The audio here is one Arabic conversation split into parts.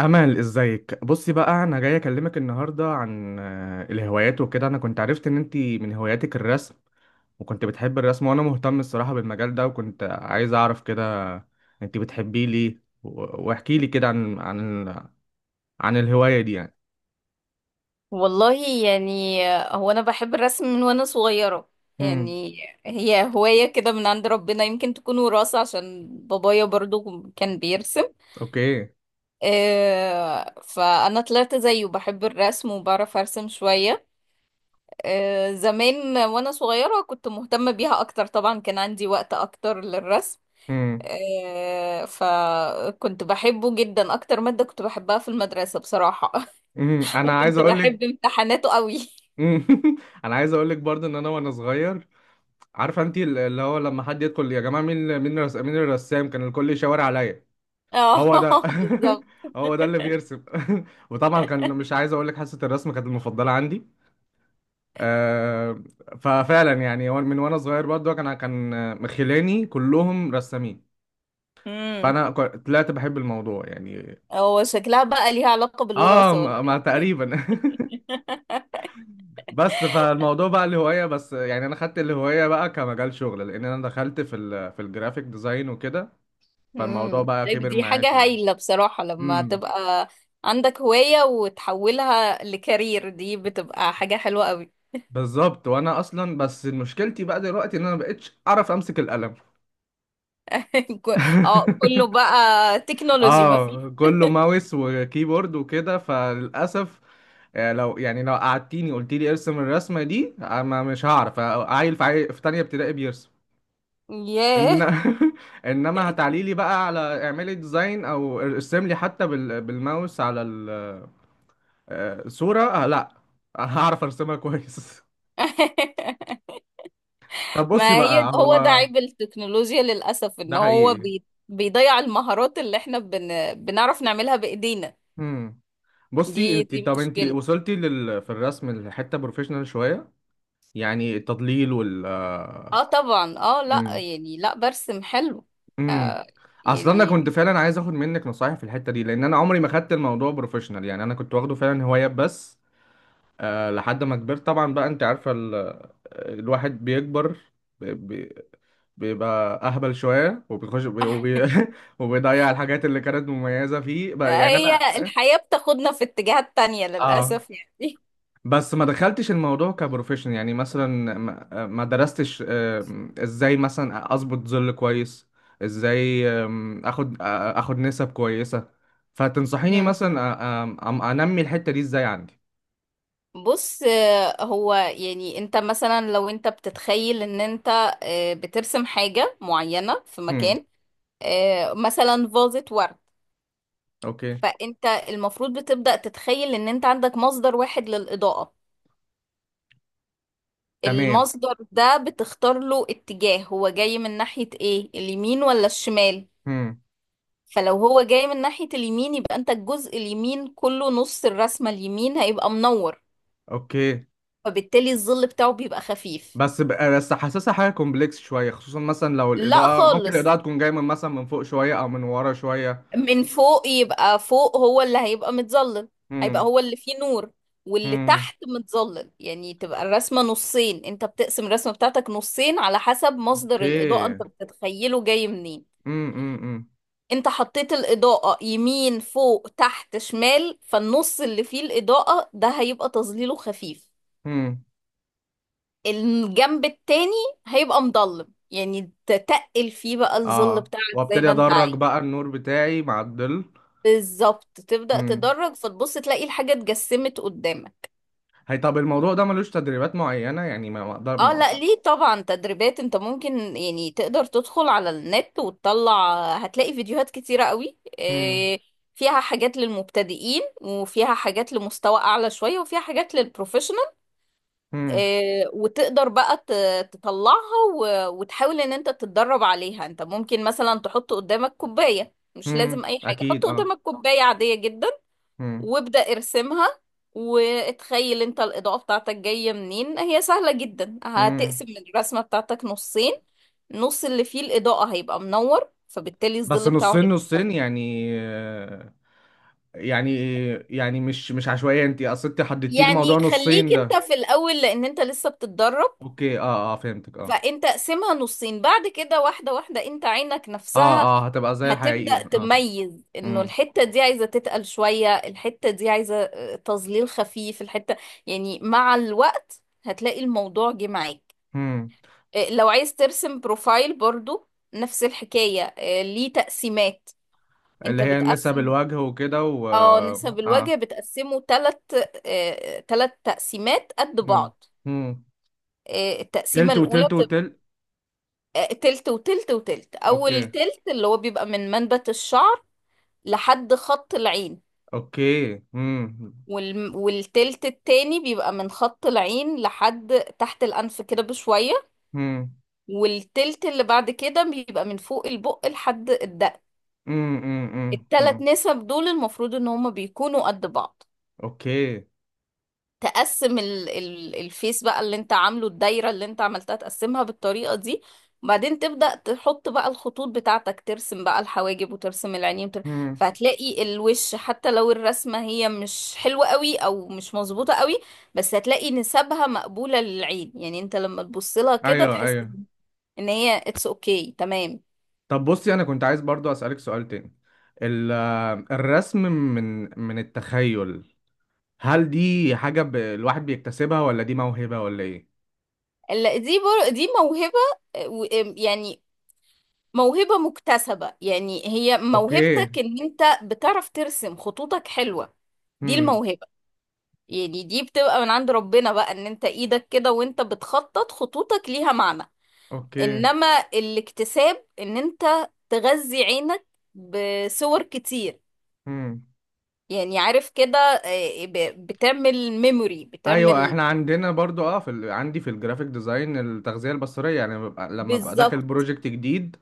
أمل، ازيك؟ بصي بقى، أنا جاي أكلمك النهاردة عن الهوايات وكده. أنا كنت عرفت إن أنتي من هواياتك الرسم، وكنت بتحب الرسم، وأنا مهتم الصراحة بالمجال ده، وكنت عايز أعرف كده أنتي بتحبيه ليه. واحكي لي كده عن عن الهواية دي يعني. والله يعني، هو انا بحب الرسم من وانا صغيرة. امم. يعني هي هواية كده من عند ربنا، يمكن تكون وراثة عشان بابايا برضو كان بيرسم. أوكي. فانا طلعت زيه بحب الرسم وبعرف ارسم شوية. زمان وانا صغيرة كنت مهتمة بيها اكتر، طبعا كان عندي وقت اكتر للرسم. امم. فكنت بحبه جدا، اكتر مادة كنت بحبها في المدرسة بصراحة. امم. أنا عايز وكنت أقول لك. بحب امتحاناته قوي. أنا عايز أقول لك برضه إن أنا وأنا صغير، عارفة أنتي، اللي هو لما حد يدخل يا جماعة، مين مين الرسام؟ كان الكل يشاور عليا. اه. هو ده. بالظبط. هو ده اللي بيرسم. وطبعا كان، مش عايز اقول لك، حصه الرسم كانت المفضله عندي. آه، ففعلا يعني، هو من وانا صغير برضه كان مخلاني كلهم رسامين. امم فانا طلعت بحب الموضوع يعني. هو شكلها بقى ليها علاقة اه، بالوراثة ولا ما ايه؟ ما تقريبا. بس فالموضوع بقى الهوايه، بس يعني انا خدت الهوايه بقى كمجال شغل، لان انا دخلت في الجرافيك ديزاين وكده. فالموضوع بقى طيب، كبر دي معايا حاجة شويه. هايلة بصراحة، لما امم. تبقى عندك هواية وتحولها لكارير دي بتبقى حاجة حلوة قوي. بالظبط. وانا اصلا بس مشكلتي بقى دلوقتي ان انا مبقتش اعرف امسك القلم. ك- اه كله بقى تكنولوجي ما اه، فيه. كله ماوس وكيبورد وكده، فللاسف. لو يعني، لو قعدتيني قلت لي ارسم الرسمه دي، ما مش هعرف. عيل في في تانية ابتدائي بيرسم. إن... ياه. انما هتعلي لي بقى على اعملي ديزاين، او ارسم لي حتى بالماوس على الصوره، آه لا. هعرف ارسمها كويس. طب بصي ما هي بقى، هو ده هو عيب التكنولوجيا للأسف، ان ده هو حقيقي. بيضيع المهارات اللي احنا بنعرف نعملها بإيدينا. مم. دي بصي انت، دي طب انت مشكلة. وصلتي في الرسم لحته بروفيشنال شويه، يعني التضليل وال... اه طبعا، اه لا امم. يعني، لا برسم حلو. امم. آه اصلا انا كنت يعني. فعلا عايز اخد منك نصايح في الحته دي، لان انا عمري ما خدت الموضوع بروفيشنال، يعني انا كنت واخده فعلا هوايه بس. أه، لحد ما كبرت طبعا بقى. انت عارفه الواحد بيكبر، ب... ب... بيبقى اهبل شويه وبيخش وبيضيع الحاجات اللي كانت مميزه فيه بقى، يعني انا. هي الحياة بتاخدنا في اتجاهات تانية اه، للأسف يعني. بس ما دخلتش الموضوع كبروفيشن، يعني مثلا ما درستش، ازاي مثلا اظبط ظل كويس، ازاي اخد اخد نسب كويسة. فتنصحيني مم. مثلا انمي الحتة دي ازاي عندي؟ بص، هو يعني انت مثلا لو انت بتتخيل ان انت بترسم حاجة معينة في هم. مكان، مثلا فازة ورد. اوكي. فانت المفروض بتبدأ تتخيل ان انت عندك مصدر واحد للإضاءة. تمام. المصدر ده بتختار له اتجاه، هو جاي من ناحية ايه، اليمين ولا الشمال؟ هم. فلو هو جاي من ناحية اليمين، يبقى انت الجزء اليمين كله، نص الرسمة اليمين هيبقى منور. اوكي. فبالتالي الظل بتاعه بيبقى خفيف. بس حاسسها حاجة كومبلكس شوية، خصوصا مثلا لو لا الإضاءة، ممكن خالص، الإضاءة تكون جاية من، مثلا، من فوق شوية او من ورا شوية. من فوق يبقى فوق هو اللي هيبقى متظلل. هيبقى هم. هو اللي فيه نور. واللي هم. تحت متظلل، يعني تبقى الرسمة نصين، انت بتقسم الرسمة بتاعتك نصين على حسب مصدر الإضاءة اوكي. انت بتتخيله جاي منين. هم. هم. انت حطيت الإضاءة يمين فوق تحت شمال، فالنص اللي فيه الإضاءة ده هيبقى تظليله خفيف. هم. الجنب التاني هيبقى مضلم، يعني تتقل فيه بقى الظل اه، بتاعك زي وابتدي ما انت عايز. ادرج بقى النور بتاعي مع الظل. بالظبط، تبدأ امم. تدرج فتبص تلاقي الحاجة اتجسمت قدامك. هي طب الموضوع ده ملوش تدريبات معينة؟ يعني ما اقدر اه ما... لا ليه، طبعا تدريبات. انت ممكن يعني تقدر تدخل على النت وتطلع هتلاقي فيديوهات كتيرة قوي، امم. فيها حاجات للمبتدئين وفيها حاجات لمستوى اعلى شوية وفيها حاجات للبروفيشنال. امم. وتقدر بقى تطلعها وتحاول ان انت تتدرب عليها. انت ممكن مثلا تحط قدامك كوباية، مش لازم امم. اي حاجة، اكيد، حط اه. قدامك كوباية عادية جدا امم. وابدأ ارسمها. واتخيل انت الإضاءة بتاعتك جاية منين، هي سهلة جدا، هتقسم امم. الرسمة بتاعتك نصين. نص اللي فيه الإضاءة هيبقى منور، فبالتالي بس الظل بتاعه نصين هيبقى منور. نصين يعني، يعني يعني مش عشوائية. انت اصل انت حددتي لي موضوع يعني خليك نصين ده. انت في الأول لأن انت لسه بتتدرب، اوكي، اه، اه، فهمتك، اه. فانت اقسمها نصين. بعد كده واحدة واحدة انت عينك اه، نفسها اه، هتبقى زي الحقيقي، هتبدأ اه. تميز انه امم. الحتة دي عايزة تتقل شوية، الحتة دي عايزة تظليل خفيف، الحتة يعني مع الوقت هتلاقي الموضوع جه معاك. امم. لو عايز ترسم بروفايل برضو نفس الحكاية، ليه تقسيمات. اللي انت هي نسب بتقسم، الوجه وكده، و... اه، نسب الوجه اه. بتقسمه تلت، تلت تقسيمات قد امم. بعض. امم. التقسيمة تلت الأولى وتلت بتبقى وتلت. تلت وتلت وتلت. أول اوكي. تلت اللي هو بيبقى من منبت الشعر لحد خط العين، اوكي. امم. والتلت التاني بيبقى من خط العين لحد تحت الأنف كده بشوية. امم. والتلت اللي بعد كده بيبقى من فوق البق لحد الدق. امم. امم. التلات امم. نسب دول المفروض ان هما بيكونوا قد بعض. اوكي. تقسم ال الفيس بقى اللي انت عامله، الدايرة اللي انت عملتها تقسمها بالطريقة دي، وبعدين تبدأ تحط بقى الخطوط بتاعتك، ترسم بقى الحواجب وترسم العينين امم. فهتلاقي الوش حتى لو الرسمة هي مش حلوة قوي او مش مظبوطة قوي، بس هتلاقي نسبها مقبولة للعين. يعني انت لما تبص لها كده ايوه، تحس ايوه. ان هي اتس اوكي okay، تمام. طب بصي، انا كنت عايز برضو اسالك سؤال تاني. الرسم من التخيل، هل دي حاجه الواحد بيكتسبها، ولا دي موهبه، ولا ايه؟ دي موهبة، آه، و- يعني موهبة مكتسبة، يعني هي اوكي. موهبتك ان انت بتعرف ترسم خطوطك حلوة. دي امم. الموهبة، يعني دي بتبقى من عند ربنا بقى، ان انت ايدك كده وانت بتخطط خطوطك ليها معنى. اوكي. انما الاكتساب ان انت تغذي عينك بصور كتير، امم. يعني عارف كده، بتعمل ميموري، ايوه، بتعمل. احنا عندنا برضو اه عندي في الجرافيك ديزاين التغذيه البصريه. يعني لما ببقى داخل بالظبط بروجكت جديد،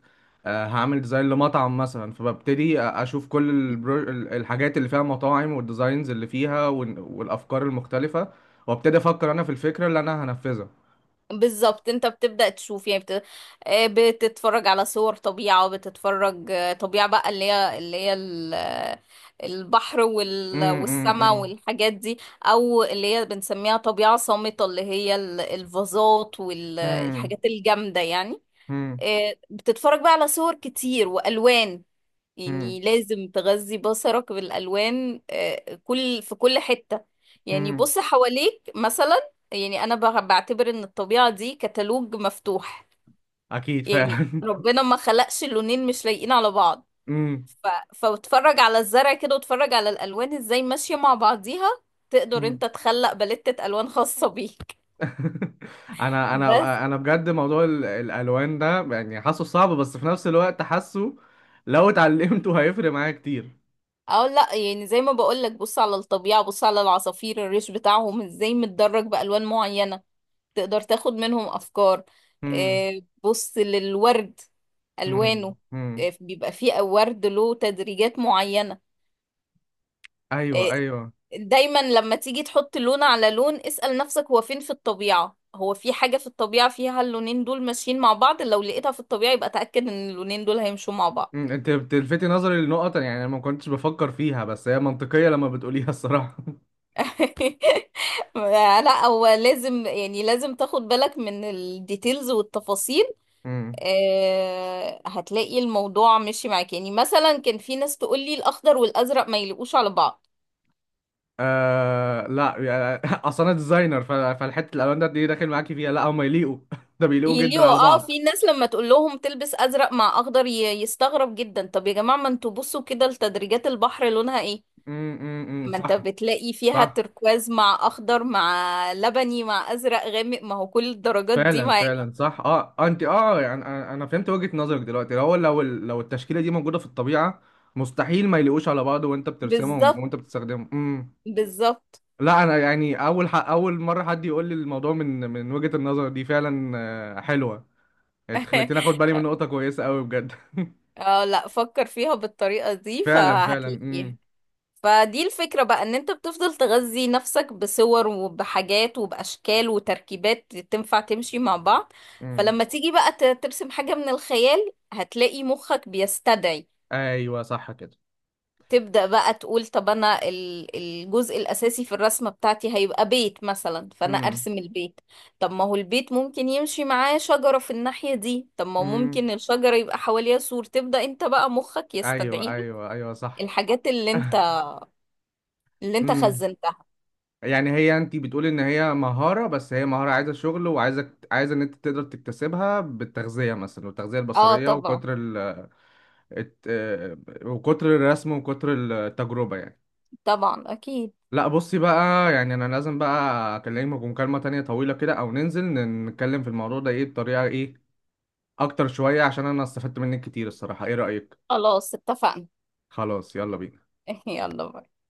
هعمل ديزاين لمطعم مثلا، فببتدي اشوف كل الحاجات اللي فيها مطاعم، والديزاينز اللي فيها، والافكار المختلفه، وابتدي افكر انا في الفكره اللي انا هنفذها. بالظبط، انت بتبدأ تشوف، يعني بتتفرج على صور طبيعة، وبتتفرج طبيعة بقى، اللي هي البحر مم. مم. والسماء مم. والحاجات دي، او اللي هي بنسميها طبيعة صامتة اللي هي الفازات مم. والحاجات الجامدة يعني. مم. بتتفرج بقى على صور كتير والوان، مم. يعني لازم تغذي بصرك بالالوان كل في كل حتة. يعني مم. بص حواليك مثلا، يعني انا بعتبر ان الطبيعة دي كتالوج مفتوح. اكيد، يعني فعلا. ربنا ما خلقش اللونين مش لايقين على بعض. مم. ف... فاتفرج على الزرع كده، واتفرج على الالوان ازاي ماشية مع بعضيها، تقدر مم. انت تخلق باليتة الوان خاصة بيك. انا بس انا انا بجد موضوع الالوان ده يعني حاسه صعب، بس في نفس الوقت حاسه لو اتعلمته هيفرق معايا كتير. اه لا، يعني زي ما بقولك، بص على الطبيعة، بص على العصافير الريش بتاعهم ازاي متدرج بألوان معينة، تقدر تاخد منهم أفكار. امم. بص للورد امم. ألوانه، امم. بيبقى فيه ورد له تدريجات معينة. ايوه، آه، ايوه. دايما لما تيجي تحط لون على لون، اسأل نفسك هو فين في الطبيعة؟ هو في حاجة في الطبيعة فيها اللونين دول ماشيين مع بعض؟ لو لقيتها في الطبيعة يبقى تأكد ان اللونين دول هيمشوا مع بعض. مم. انت بتلفتي نظري لنقط يعني انا ما كنتش بفكر فيها، بس هي منطقيه لما بتقوليها الصراحه. لا هو لازم، يعني لازم تاخد بالك من الديتيلز والتفاصيل. امم. هتلاقي الموضوع ماشي معاك. يعني مثلا كان في ناس تقول لي الاخضر والازرق ما يليقوش على بعض، آه لا، يعني، اصل انا ديزاينر، فالحته الالوان ده، دي داخل معاكي فيها. لا، هم يليقوا. ده بيليقوا جدا يليقوا على اه. بعض. في ناس لما تقول لهم تلبس ازرق مع اخضر يستغرب جدا. طب يا جماعة، ما انتوا بصوا كده لتدريجات البحر لونها ايه، امم. امم. ما انت صح. بتلاقي فيها صح. تركواز مع اخضر مع لبني مع ازرق غامق، ما هو كل الدرجات دي فعلا، ما يليق- فعلا، صح. اه. انت، اه، يعني أنا فهمت وجهة نظرك دلوقتي. لو، لو لو التشكيلة دي موجودة في الطبيعة، مستحيل ما يلاقوش على بعض، وانت بترسمهم بالظبط وانت بتستخدمهم. امم. بالظبط. لا، انا يعني، اول اول مرة حد يقول لي الموضوع من وجهة النظر دي فعلا. حلوة. انت خليتني اخد بالي من نقطة كويسة قوي، بجد. اه لا، فكر فيها بالطريقة دي فعلا، فعلا. امم. فهتلاقيها. فدي الفكرة بقى، ان انت بتفضل تغذي نفسك بصور وبحاجات وبأشكال وتركيبات تنفع تمشي مع بعض. امم. فلما تيجي بقى ترسم حاجة من الخيال، هتلاقي مخك بيستدعي. ايوه، صح كده. تبدأ بقى تقول، طب انا الجزء الأساسي في الرسمة بتاعتي هيبقى بيت مثلا، فانا امم. ارسم البيت. طب ما هو البيت ممكن يمشي معاه شجرة في الناحية دي، طب ما هو امم. ممكن الشجرة يبقى حواليها سور. تبدأ انت بقى مخك ايوه، يستدعي ايوه، ايوه، صح. الحاجات اللي انت اللي انت امم. خزنتها. يعني هي، انت بتقولي ان هي مهارة، بس هي مهارة عايزة شغل، وعايزة ان انت تقدر تكتسبها بالتغذية مثلا، والتغذية اه البصرية، طبعا، وكتر ال الت- آه، وكتر الرسم، وكتر التجربة يعني. طبعا اكيد. لا بصي بقى، يعني انا لازم بقى اكلمك مكالمة تانية طويلة كده، او ننزل نتكلم في الموضوع ده، ايه، بطريقة ايه اكتر شوية، عشان انا استفدت منك كتير الصراحة. ايه رأيك؟ خلاص اتفقنا. خلاص، يلا بينا. يلا بقى.